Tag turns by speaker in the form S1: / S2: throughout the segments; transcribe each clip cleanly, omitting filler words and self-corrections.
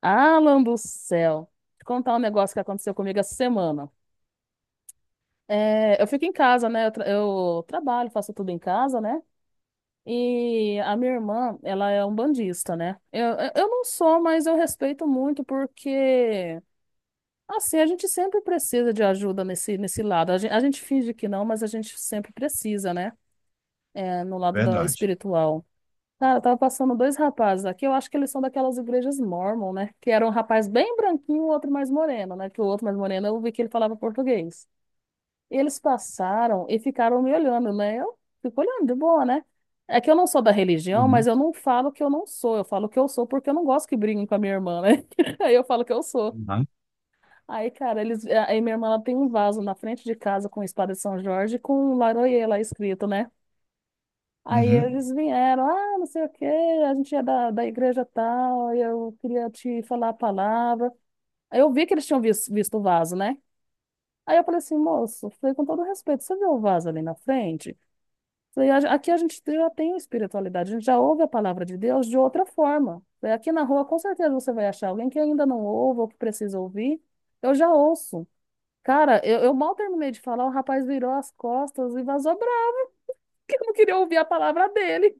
S1: Alan do céu. Te contar um negócio que aconteceu comigo essa semana. É, eu fico em casa, né? Eu, eu trabalho, faço tudo em casa, né? E a minha irmã, ela é umbandista, né? Eu, eu não sou, mas eu respeito muito porque, assim, a gente sempre precisa de ajuda nesse lado. A gente finge que não, mas a gente sempre precisa, né? É, no lado da
S2: Verdade.
S1: espiritual. Cara, tava passando dois rapazes aqui, eu acho que eles são daquelas igrejas mórmon, né? Que era um rapaz bem branquinho, o outro mais moreno, né? Que o outro mais moreno, eu vi que ele falava português. Eles passaram e ficaram me olhando, né? Eu fico olhando de boa, né? É que eu não sou da religião, mas
S2: Uhum.
S1: eu não falo que eu não sou, eu falo que eu sou porque eu não gosto que briguem com a minha irmã, né? Aí eu falo que eu sou.
S2: Tá?
S1: Aí, cara, eles, aí minha irmã ela tem um vaso na frente de casa com espada de São Jorge e com um Laroie lá escrito, né? Aí
S2: Uhum.
S1: eles vieram, ah, não sei o quê, a gente é da igreja tal, e eu queria te falar a palavra. Aí eu vi que eles tinham visto, o vaso, né? Aí eu falei assim, moço, falei com todo respeito, você viu o vaso ali na frente? Falei, aqui a gente já tem espiritualidade, a gente já ouve a palavra de Deus de outra forma. Falei, aqui na rua com certeza você vai achar alguém que ainda não ouve ou que precisa ouvir. Eu já ouço. Cara, eu mal terminei de falar, o rapaz virou as costas e vazou bravo, porque não queria ouvir a palavra dele.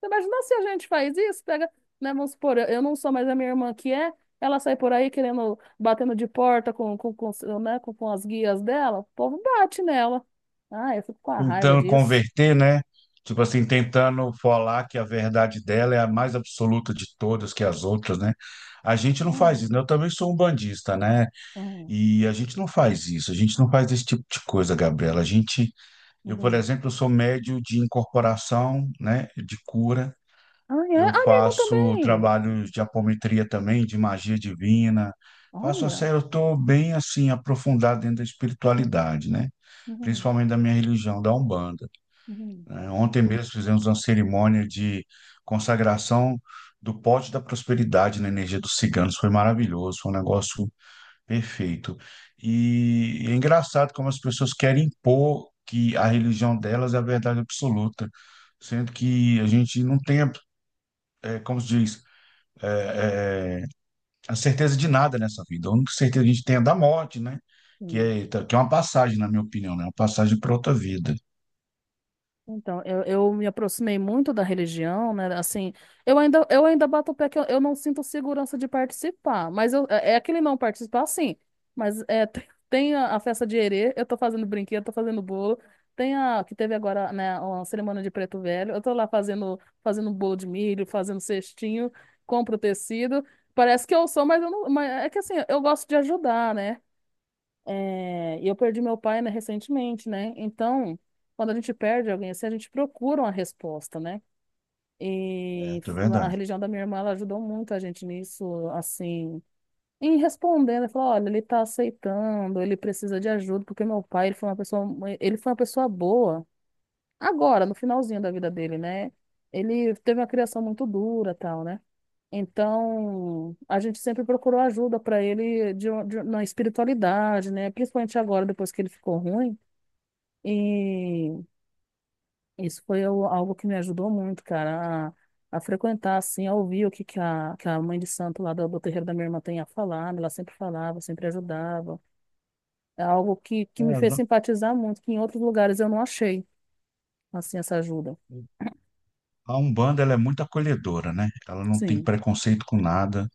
S1: Você imagina se a gente faz isso, pega, né, vamos supor, eu não sou, mas a minha irmã que é, ela sai por aí querendo, batendo de porta né, com as guias dela, o povo bate nela. Ah, eu fico com a raiva
S2: Tentando
S1: disso.
S2: converter, né? Tipo assim, tentando falar que a verdade dela é a mais absoluta de todas que as outras, né? A gente não faz isso,
S1: Hum,
S2: né? Eu também sou um bandista, né?
S1: hum,
S2: E a gente não faz isso, a gente não faz esse tipo de coisa, Gabriela. A gente, eu, por
S1: uhum.
S2: exemplo, sou médio de incorporação, né? De cura.
S1: Ah, é?
S2: Eu
S1: Ah, minha irmã
S2: faço
S1: também.
S2: trabalhos de apometria também, de magia divina. Faço uma
S1: Olha.
S2: série, eu estou bem assim, aprofundado dentro da espiritualidade, né?
S1: Uhum,
S2: Principalmente da minha religião, da Umbanda,
S1: uhum,
S2: né? Ontem mesmo fizemos uma cerimônia de consagração do pote da prosperidade na energia dos ciganos. Foi maravilhoso, foi um negócio perfeito. E é engraçado como as pessoas querem impor que a religião delas é a verdade absoluta, sendo que a gente não tem, como se diz, é, é, é, a certeza de nada nessa vida. A única certeza que a gente tem é da morte, né? Que
S1: uhum,
S2: é, que é uma passagem, na minha opinião, né? É uma passagem para outra
S1: uhum.
S2: vida.
S1: Então, eu me aproximei muito da religião, né? Assim, eu ainda bato o pé que eu não sinto segurança de participar, mas eu, é é aquele não participar, sim. Mas é, tem a festa de erê, eu tô fazendo brinquedo, tô fazendo bolo. Tem a que teve agora, né, uma cerimônia de preto velho. Eu tô lá fazendo bolo de milho, fazendo cestinho, compro tecido. Parece que eu sou, mas eu não, mas é que assim, eu gosto de ajudar, né? É, e eu perdi meu pai, né, recentemente, né? Então, quando a gente perde alguém assim, a gente procura uma resposta, né? E
S2: É, é
S1: a
S2: verdade.
S1: religião da minha irmã, ela ajudou muito a gente nisso, assim, em respondendo, ela falou, olha, ele tá aceitando, ele precisa de ajuda, porque meu pai, ele foi uma pessoa boa, agora, no finalzinho da vida dele, né? Ele teve uma criação muito dura, tal, né? Então, a gente sempre procurou ajuda para ele de, na espiritualidade, né? Principalmente agora, depois que ele ficou ruim. E isso foi algo que me ajudou muito, cara, a frequentar, assim, a ouvir o que, que a mãe de santo lá do terreiro da minha irmã tem a falar. Né? Ela sempre falava, sempre ajudava. É algo que me fez
S2: É,
S1: simpatizar muito, que em outros lugares eu não achei, assim, essa ajuda.
S2: a Umbanda, ela é muito acolhedora, né? Ela não tem
S1: Sim.
S2: preconceito com nada,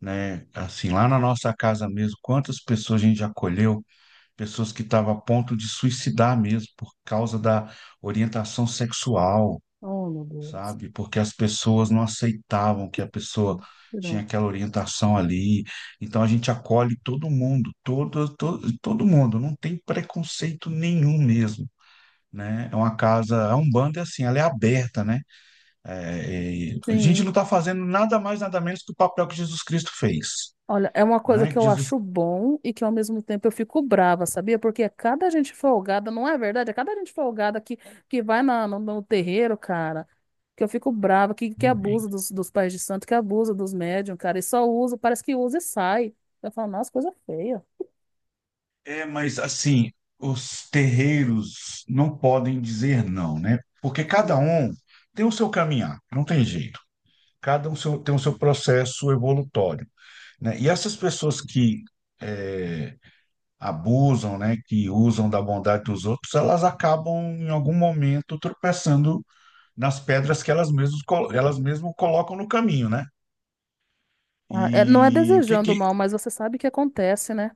S2: né? Assim, lá na nossa casa mesmo, quantas pessoas a gente já acolheu? Pessoas que estavam a ponto de suicidar mesmo por causa da orientação sexual,
S1: Oh, meu Deus.
S2: sabe? Porque as pessoas não aceitavam que a pessoa tinha
S1: Não.
S2: aquela orientação ali. Então a gente acolhe todo mundo, todo, todo, todo mundo, não tem preconceito nenhum mesmo. Né? É uma casa, a Umbanda é assim, ela é aberta, né? É, a gente
S1: Sim.
S2: não está fazendo nada mais, nada menos que o papel que Jesus Cristo fez,
S1: Olha, é uma coisa
S2: né?
S1: que
S2: Que
S1: eu
S2: Jesus...
S1: acho bom e que ao mesmo tempo eu fico brava, sabia? Porque é cada gente folgada, não é verdade? É cada gente folgada que vai na, no, no terreiro, cara, que eu fico brava, que abusa dos, dos pais de santo, que abusa dos médiums, cara, e só usa, parece que usa e sai. Eu falo, nossa, coisa feia.
S2: É, mas assim, os terreiros não podem dizer não, né? Porque cada
S1: Sim.
S2: um tem o seu caminhar, não tem jeito. Tem o seu processo evolutório, né? E essas pessoas que eh, abusam, né, que usam da bondade dos outros, elas acabam em algum momento tropeçando nas pedras que elas mesmo colocam no caminho, né?
S1: Ah, não é
S2: E o que
S1: desejando
S2: que
S1: mal, mas você sabe o que acontece, né?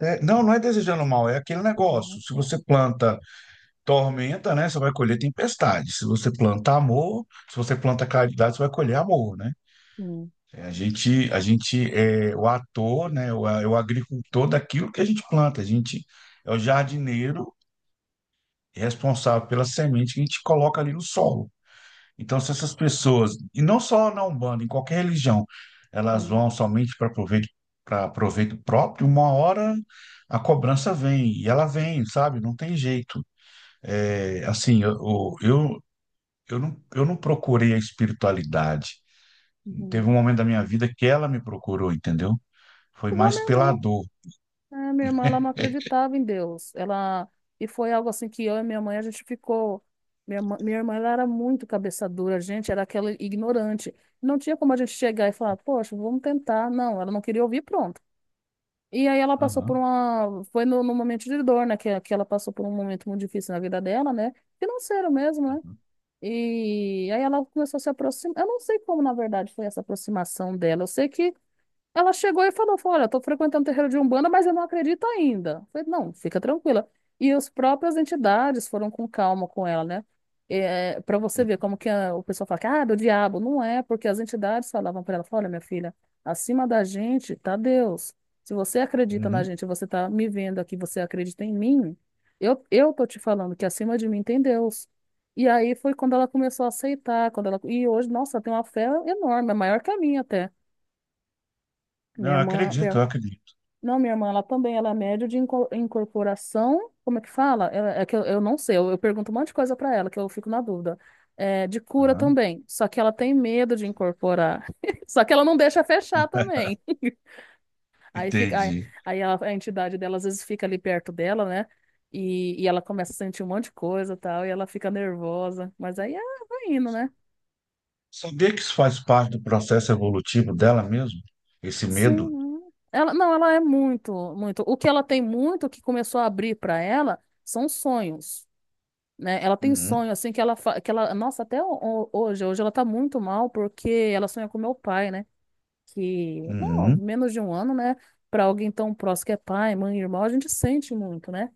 S2: é, não, não é desejando mal, é aquele
S1: Uhum,
S2: negócio. Se você planta tormenta, né, você vai colher tempestade. Se você planta amor, se você planta caridade, você vai colher amor, né?
S1: sim,
S2: É, a gente é o ator, né? É o agricultor daquilo que a gente planta. A gente é o jardineiro responsável pela semente que a gente coloca ali no solo. Então, se essas pessoas, e não só na Umbanda, em qualquer religião, elas
S1: sim,
S2: vão somente para proveito próprio, uma hora a cobrança vem, e ela vem, sabe? Não tem jeito. É, assim, eu não procurei a espiritualidade. Teve
S1: uhum.
S2: um momento da minha vida que ela me procurou, entendeu? Foi
S1: Igual a
S2: mais
S1: minha
S2: pela
S1: irmã.
S2: dor.
S1: É, minha irmã, ela não acreditava em Deus. Ela e foi algo assim que eu e minha mãe a gente ficou. Minha irmã, ela era muito cabeça dura, a gente era aquela ignorante. Não tinha como a gente chegar e falar, poxa, vamos tentar. Não, ela não queria ouvir, pronto. E aí ela passou por
S2: Aham,
S1: uma, foi no momento de dor, né? Que ela passou por um momento muito difícil na vida dela, né? Financeiro mesmo, né?
S2: aham,
S1: E aí ela começou a se aproximar. Eu não sei como, na verdade, foi essa aproximação dela. Eu sei que ela chegou e falou, olha, estou frequentando o terreiro de Umbanda, mas eu não acredito ainda. Eu falei, não, fica tranquila. E as próprias entidades foram com calma com ela, né? É, para você ver como que o pessoal fala que, ah, do diabo. Não é, porque as entidades falavam para ela, falaram, olha, minha filha, acima da gente tá Deus. Se você acredita na
S2: uhum.
S1: gente, você tá me vendo aqui, você acredita em mim, eu tô te falando que acima de mim tem Deus. E aí foi quando ela começou a aceitar, quando ela... E hoje, nossa, ela tem uma fé enorme, é maior que a minha até.
S2: Não,
S1: Minha
S2: eu
S1: irmã,
S2: acredito, eu acredito.
S1: não, minha irmã, ela também, ela é médio de incorporação, como é que fala? É, é que eu não sei, eu pergunto um monte de coisa pra ela, que eu fico na dúvida. É, de cura
S2: Aham.
S1: também, só que ela tem medo de incorporar. Só que ela não deixa fechar também. Aí fica, aí,
S2: Entendi.
S1: aí a entidade dela às vezes fica ali perto dela, né? E ela começa a sentir um monte de coisa e tal, e ela fica nervosa. Mas aí ah, vai indo, né?
S2: Sabia que isso faz parte do processo evolutivo dela mesmo? Esse medo?
S1: Sim. Ela, não, ela é muito, muito. O que ela tem muito, o que começou a abrir pra ela, são sonhos. Né? Ela tem um
S2: Uhum.
S1: sonho, assim, que ela, nossa, até hoje ela tá muito mal porque ela sonha com meu pai, né? Que, não,
S2: Uhum.
S1: menos de um ano, né? Pra alguém tão próximo que é pai, mãe, irmão, a gente sente muito, né?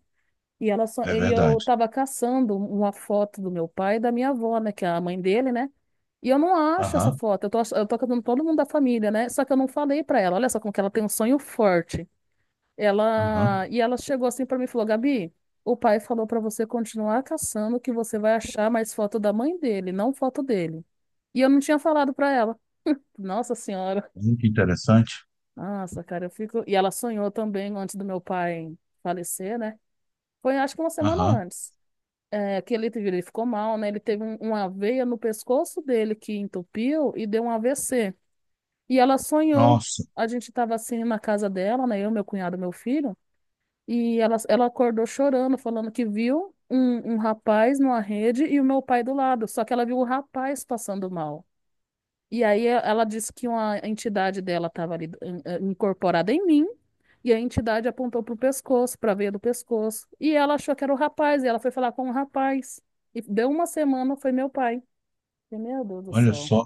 S1: E ela só,
S2: É
S1: e eu
S2: verdade.
S1: tava caçando uma foto do meu pai e da minha avó, né? Que é a mãe dele, né? E eu não acho essa
S2: Aham,
S1: foto. Eu tô, eu tô catando todo mundo da família, né? Só que eu não falei pra ela. Olha só como que ela tem um sonho forte.
S2: aham.
S1: Ela e ela chegou assim pra mim e falou: Gabi, o pai falou pra você continuar caçando que você vai achar mais foto da mãe dele, não foto dele. E eu não tinha falado pra ela. Nossa Senhora.
S2: Muito interessante.
S1: Nossa, cara, eu fico. E ela sonhou também antes do meu pai falecer, né? Foi acho que uma semana
S2: Aham.
S1: antes. É, que ele, ele ficou mal, né? Ele teve uma veia no pescoço dele que entupiu e deu um AVC. E ela sonhou.
S2: Nossa,
S1: A gente tava assim na casa dela, né? Eu, meu cunhado, meu filho. Ela acordou chorando, falando que viu um rapaz numa rede e o meu pai do lado. Só que ela viu o rapaz passando mal. E aí ela disse que uma entidade dela estava ali incorporada em mim. E a entidade apontou pro pescoço, pra veia do pescoço. E ela achou que era o rapaz. E ela foi falar com o rapaz. E deu uma semana, foi meu pai. E, meu Deus do
S2: olha
S1: céu.
S2: só.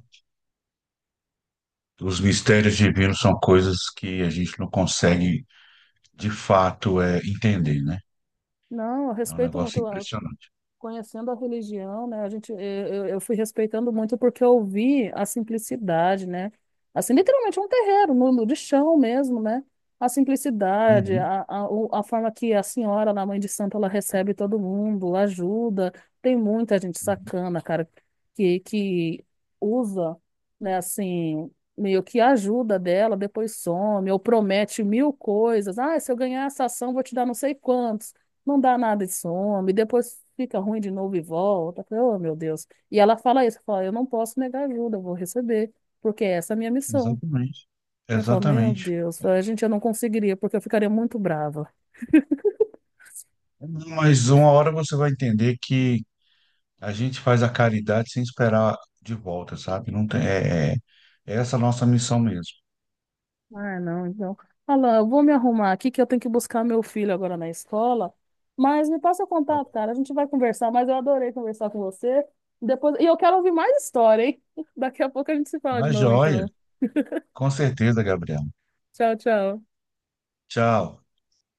S2: Os mistérios divinos são coisas que a gente não consegue, de fato, entender,
S1: Hum.
S2: né?
S1: Não, eu
S2: É um
S1: respeito
S2: negócio
S1: muito.
S2: impressionante.
S1: Conhecendo a religião, né, a gente, eu, eu fui respeitando muito porque eu vi a simplicidade, né? Assim, literalmente é um terreiro, de chão mesmo, né? A simplicidade,
S2: Uhum.
S1: a forma que a senhora, na Mãe de Santo, ela recebe todo mundo, ajuda. Tem muita gente
S2: Uhum.
S1: sacana, cara, que usa, né, assim, meio que ajuda dela, depois some, ou promete mil coisas. Ah, se eu ganhar essa ação, vou te dar não sei quantos, não dá nada e some, depois fica ruim de novo e volta. Eu falei, oh, meu Deus. E ela fala isso, fala, eu não posso negar ajuda, eu vou receber, porque essa é a minha missão.
S2: Exatamente.
S1: Eu falo, meu
S2: Exatamente.
S1: Deus, a gente, eu não conseguiria, porque eu ficaria muito brava.
S2: Mas uma hora você vai entender que a gente faz a caridade sem esperar de volta, sabe? Não tem, é essa a nossa missão mesmo.
S1: Ah, não, então. Fala, eu vou me arrumar aqui que eu tenho que buscar meu filho agora na escola. Mas me passa o
S2: Tá
S1: contato,
S2: bom?
S1: cara. A gente vai conversar, mas eu adorei conversar com você. Depois... E eu quero ouvir mais história, hein? Daqui a pouco a gente se fala de
S2: Mas
S1: novo,
S2: joia,
S1: então.
S2: com certeza, Gabriel.
S1: Tchau, tchau.
S2: Tchau.